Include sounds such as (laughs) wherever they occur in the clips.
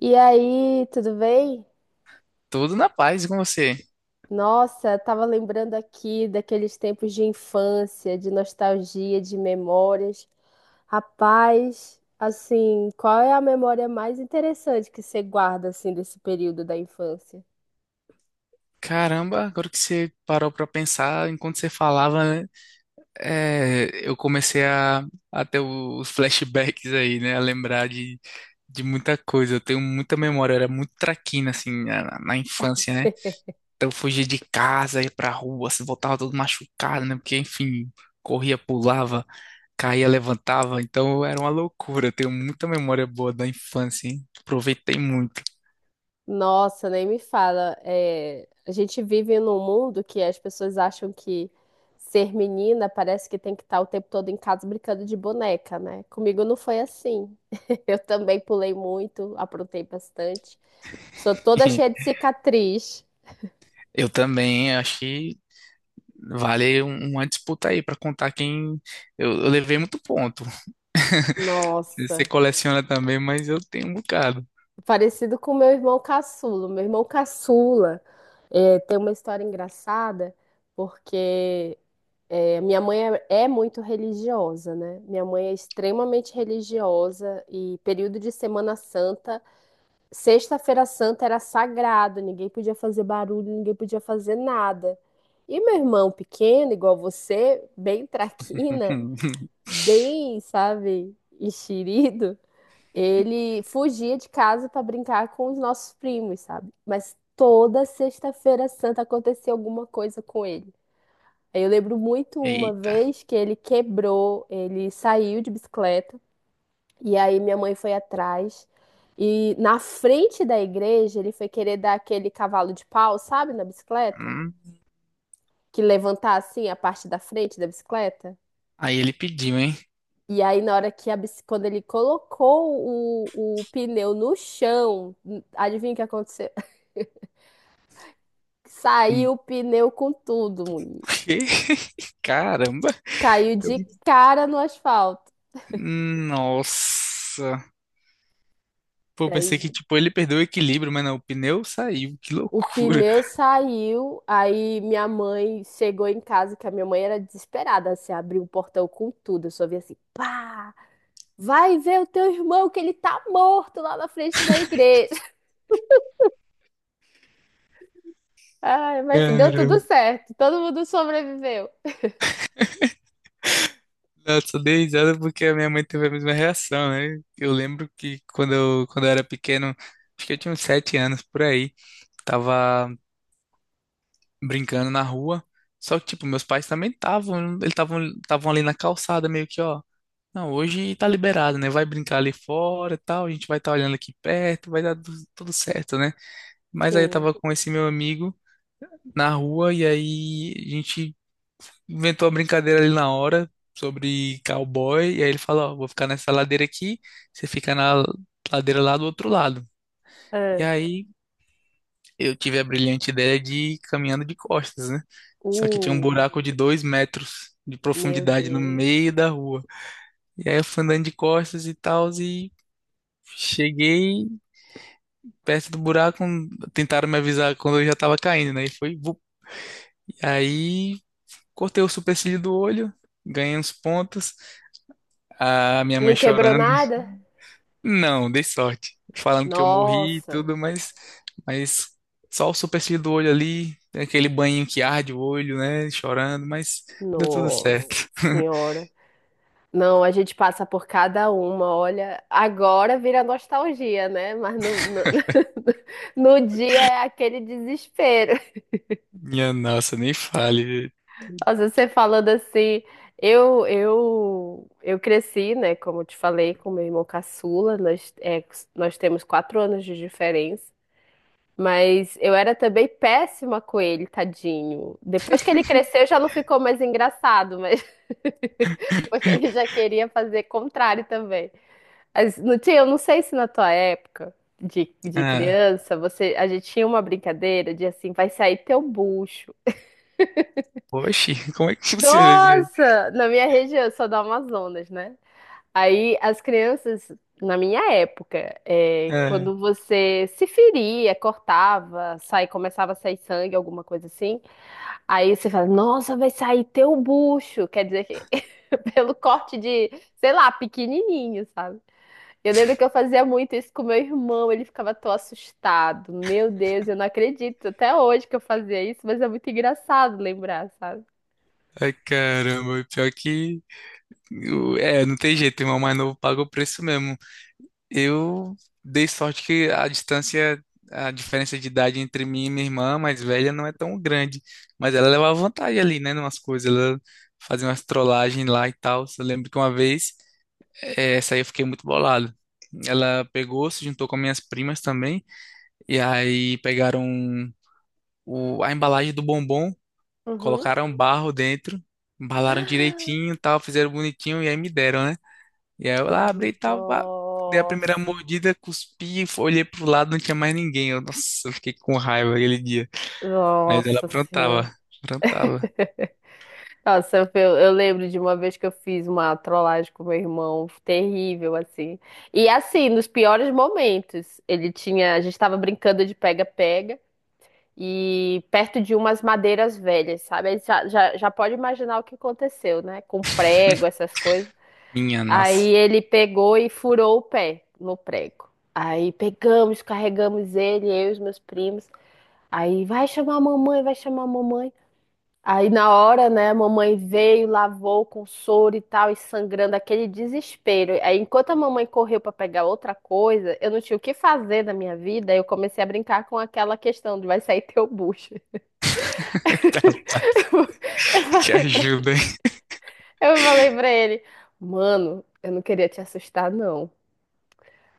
E aí, tudo bem? Tudo na paz e com você. Nossa, tava lembrando aqui daqueles tempos de infância, de nostalgia, de memórias. Rapaz, assim, qual é a memória mais interessante que você guarda assim desse período da infância? Caramba, agora que você parou pra pensar, enquanto você falava, né, eu comecei a ter os flashbacks aí, né? A lembrar de muita coisa. Eu tenho muita memória, eu era muito traquina, assim, na infância, né? (laughs) Então eu fugia de casa, ia pra rua, se voltava todo machucado, né? Porque, enfim, corria, pulava, caía, levantava. Então era uma loucura. Eu tenho muita memória boa da infância, hein? Aproveitei muito. Nossa, nem me fala. É, a gente vive num mundo que as pessoas acham que ser menina parece que tem que estar o tempo todo em casa brincando de boneca, né? Comigo não foi assim. (laughs) Eu também pulei muito, aprontei bastante. Sou toda cheia de (laughs) cicatriz. Eu também, acho que uma disputa aí pra contar quem. Eu levei muito ponto. (laughs) Você Nossa. coleciona também, mas eu tenho um bocado. Parecido com meu irmão caçula. Meu irmão caçula tem uma história engraçada, porque é, minha mãe é muito religiosa, né? Minha mãe é extremamente religiosa e período de Semana Santa, Sexta-feira Santa era sagrado, ninguém podia fazer barulho, ninguém podia fazer nada. E meu irmão pequeno, igual você, bem traquina, (laughs) bem, sabe, enxerido. Ele fugia de casa para brincar com os nossos primos, sabe? Mas toda sexta-feira santa acontecia alguma coisa com ele. Aí eu lembro muito uma Eita. vez que ele quebrou, ele saiu de bicicleta e aí minha mãe foi atrás e na frente da igreja ele foi querer dar aquele cavalo de pau, sabe, na bicicleta, Hum. que levantar assim a parte da frente da bicicleta. Aí ele pediu, hein? E aí, na hora que a quando ele colocou o pneu no chão, adivinha o que aconteceu? (laughs) Saiu o pneu com tudo, menino. Que? (laughs) Caramba. Caiu Eu- de cara no asfalto. Nossa. Pô, pensei que Daí tipo ele perdeu o equilíbrio, mas não, o pneu saiu. Que o loucura. pneu saiu, aí minha mãe chegou em casa, que a minha mãe era desesperada, assim, abriu o portão com tudo. Eu só vi assim, pá, vai ver o teu irmão que ele tá morto lá na frente da igreja. (laughs) Ai, mas deu tudo Caramba. certo, todo mundo sobreviveu. Não, eu só dei risada porque a minha mãe teve a mesma reação, né? Eu lembro que quando eu era pequeno, acho que eu tinha uns 7 anos por aí, tava brincando na rua. Só que, tipo, meus pais também estavam, eles estavam ali na calçada, meio que, ó. Não, hoje tá liberado, né? Vai brincar ali fora e tal, a gente vai estar olhando aqui perto, vai dar tudo certo, né? Mas aí eu Sim. tava com esse meu amigo na rua e aí a gente inventou uma brincadeira ali na hora sobre cowboy, e aí ele fala, ó, vou ficar nessa ladeira aqui, você fica na ladeira lá do outro lado. E aí eu tive a brilhante ideia de ir caminhando de costas, né? Só que tinha um Uh, buraco de 2 metros de meu profundidade no Deus. meio da rua. E aí eu fui andando de costas e tal, e cheguei perto do buraco, tentaram me avisar quando eu já tava caindo, né? E foi, vup. E aí cortei o supercílio do olho, ganhei uns pontos, a minha Não mãe quebrou chorando. nada? Não, dei sorte. Falando que eu morri e Nossa, tudo, mas só o supercílio do olho ali, tem aquele banho que arde o olho, né? Chorando, mas deu tudo certo. nossa (laughs) senhora. Não, a gente passa por cada uma. Olha, agora vira nostalgia, né? Mas (laughs) no dia é aquele desespero. Minha nossa, nem fale. Nossa, você falando assim, eu cresci, né? Como eu te falei, com meu irmão caçula. Nós, é, nós temos quatro anos de diferença. Mas eu era também péssima com ele, tadinho. Depois que ele cresceu, já não ficou mais engraçado, mas (laughs) porque ele (laughs) já queria fazer contrário também. Mas não tinha, eu não sei se na tua época de Ah, criança, você, a gente tinha uma brincadeira de assim, vai sair teu bucho. oxe, como é que (laughs) funciona isso aí? Nossa, na minha região, eu sou do Amazonas, né? Aí as crianças, na minha época, é, É, quando você se feria, cortava, sai, começava a sair sangue, alguma coisa assim, aí você fala, nossa, vai sair teu bucho. Quer dizer que (laughs) pelo corte de, sei lá, pequenininho, sabe? Eu lembro que eu fazia muito isso com meu irmão, ele ficava tão assustado. Meu Deus, eu não acredito até hoje que eu fazia isso, mas é muito engraçado lembrar, sabe? ai, caramba, pior que. É, não tem jeito, o irmão mais novo paga o preço mesmo. Eu dei sorte que a distância, a diferença de idade entre mim e minha irmã mais velha não é tão grande, mas ela levava vantagem ali, né, numas coisas, ela fazia umas trollagens lá e tal. Eu lembro que uma vez, essa aí eu fiquei muito bolado. Ela pegou, se juntou com minhas primas também, e aí pegaram a embalagem do bombom, Uhum. colocaram um barro dentro, embalaram (gasps) direitinho, e tal, fizeram bonitinho e aí me deram, né? E aí eu lá abri e tal, pá, dei a primeira Nossa, mordida, cuspi, olhei pro lado, não tinha mais ninguém. Eu, nossa, eu fiquei com raiva aquele dia. Mas ela nossa senhora. aprontava, aprontava. Nossa, eu eu lembro de uma vez que eu fiz uma trollagem com meu irmão, terrível, assim. E assim, nos piores momentos, ele tinha, a gente tava brincando de pega-pega e perto de umas madeiras velhas, sabe? Aí já pode imaginar o que aconteceu, né? Com prego, (laughs) essas coisas. Minha nossa. Aí ele pegou e furou o pé no prego. Aí pegamos, carregamos ele, eu e os meus primos. Aí vai chamar a mamãe, vai chamar a mamãe. Aí na hora, né, a mamãe veio, lavou com soro e tal, e sangrando, aquele desespero. Aí enquanto a mamãe correu para pegar outra coisa, eu não tinha o que fazer na minha vida, eu comecei a brincar com aquela questão de vai sair teu bucho. (laughs) (laughs) Rapaz, Eu te falei pra, ajuda, hein? eu falei pra ele, mano, eu não queria te assustar, não.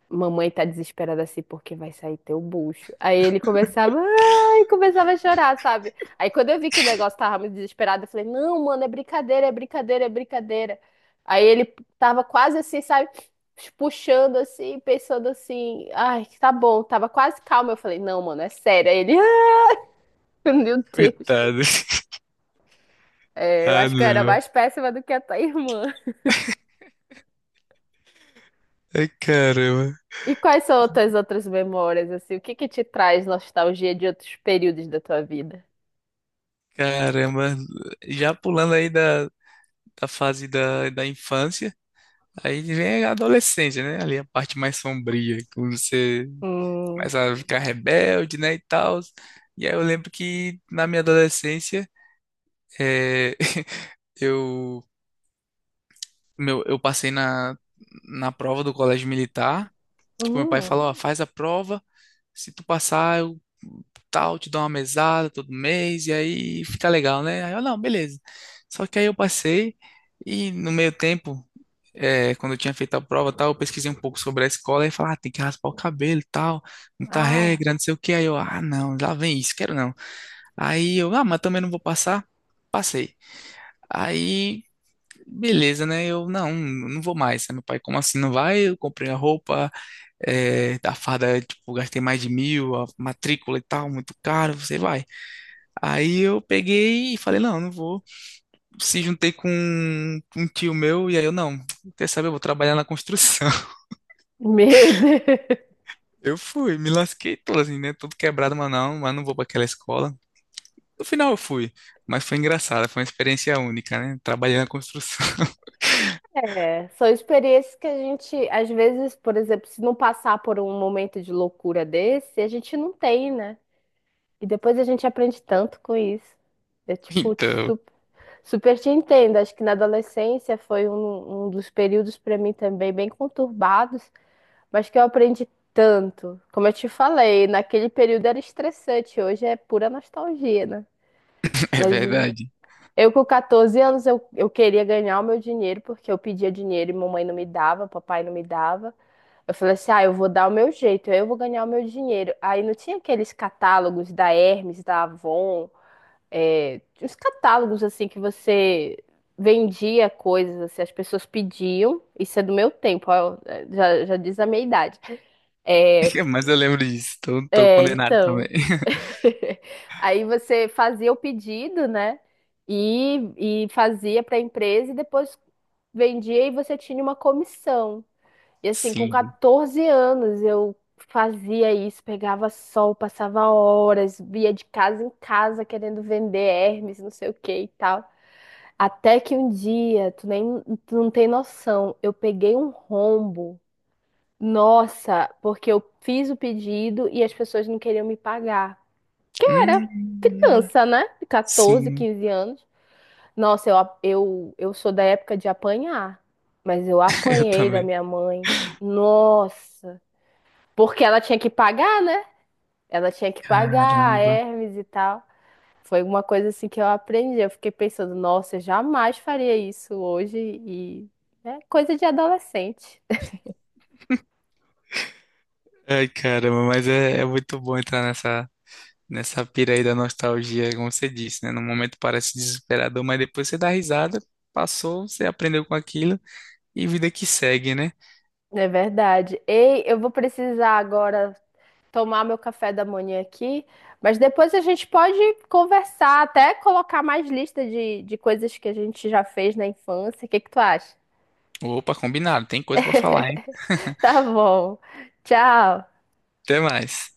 Mamãe tá desesperada assim porque vai sair teu bucho. Aí ele começava, ai, começava a chorar, sabe? Aí quando eu vi que o negócio tava muito desesperado, eu falei, não, mano, é brincadeira, é brincadeira, é brincadeira. Aí ele tava quase assim, sabe? Puxando assim, pensando assim, ai, tá bom, tava quase calmo. Eu falei, não, mano, é sério. Aí ele, (laughs) ai, meu Deus. Coitado. É, eu Ah, acho que eu era não. mais péssima do que a tua irmã. Ai, caramba. E quais são as tuas outras memórias, assim? O que que te traz nostalgia de outros períodos da tua vida? Caramba. Já pulando aí da, da fase da infância, aí vem a adolescência, né? Ali a parte mais sombria, quando você Hum. mas a ficar rebelde, né, e tal. E aí eu lembro que na minha adolescência, eh, (laughs) eu, eu passei na prova do colégio militar. Tipo, meu pai Hum, falou, ó, faz a prova, se tu passar, eu tal, te dou uma mesada todo mês, e aí fica legal, né? Aí eu, não, beleza. Só que aí eu passei, e no meio tempo, quando eu tinha feito a prova, tal, eu pesquisei um pouco sobre a escola, e falei, ah, tem que raspar o cabelo, e tal, muita ah, regra, não sei o que. Aí eu, ah, não, lá vem isso, quero não. Aí eu, ah, mas também não vou passar. Passei. Aí, beleza, né? Eu, não, não vou mais. Aí meu pai, como assim não vai? Eu comprei a roupa, a farda, tipo, gastei mais de 1.000, a matrícula e tal, muito caro, você vai. Aí eu peguei e falei, não, não vou. Se juntei com um tio meu, e aí eu, não, quer saber, eu vou trabalhar na construção. (laughs) (laughs) meu Deus. Eu fui, me lasquei todo assim, né? Tudo quebrado, mas não vou pra aquela escola. No final eu fui, mas foi engraçado, foi uma experiência única, né? Trabalhei na construção. (laughs) É, são experiências que a gente, às vezes, por exemplo, se não passar por um momento de loucura desse, a gente não tem, né? E depois a gente aprende tanto com isso. É tipo, Então, super, te entendo. Acho que na adolescência foi um dos períodos para mim também bem conturbados, mas que eu aprendi tanto. Como eu te falei, naquele período era estressante, hoje é pura nostalgia, né? (laughs) é Mas verdade. eu com 14 anos eu queria ganhar o meu dinheiro porque eu pedia dinheiro e mamãe não me dava, papai não me dava. Eu falei assim: "Ah, eu vou dar o meu jeito, eu vou ganhar o meu dinheiro". Aí não tinha aqueles catálogos da Hermes, da Avon, é, os catálogos assim que você vendia coisas, assim, as pessoas pediam, isso é do meu tempo, ó, é, já diz a minha idade. É, (laughs) Mas eu lembro disso. Tô é, condenado também. então, (laughs) (laughs) aí você fazia o pedido, né? E fazia para a empresa e depois vendia e você tinha uma comissão. E assim, com Sim. 14 anos eu fazia isso, pegava sol, passava horas, via de casa em casa querendo vender Hermes, não sei o que e tal. Até que um dia, tu não tem noção, eu peguei um rombo. Nossa, porque eu fiz o pedido e as pessoas não queriam me pagar. Era Hum, criança, né? De 14, sim, 15 anos. Nossa, eu sou da época de apanhar. Mas eu (laughs) eu apanhei da também. minha mãe. Nossa. Porque ela tinha que pagar, né? Ela tinha que pagar a Caramba. Hermes e tal. Foi uma coisa assim que eu aprendi. Eu fiquei pensando, nossa, eu jamais faria isso hoje. E é coisa de adolescente. (laughs) Ai, caramba, mas é, muito bom entrar nessa pira aí da nostalgia, como você disse, né? No momento parece desesperador, mas depois você dá risada, passou, você aprendeu com aquilo e vida que segue, né? É verdade. Ei, eu vou precisar agora tomar meu café da manhã aqui, mas depois a gente pode conversar, até colocar mais lista de coisas que a gente já fez na infância. O que que tu acha? Opa, combinado, tem coisa pra falar, hein? (laughs) (laughs) Tá bom. Tchau. Até mais.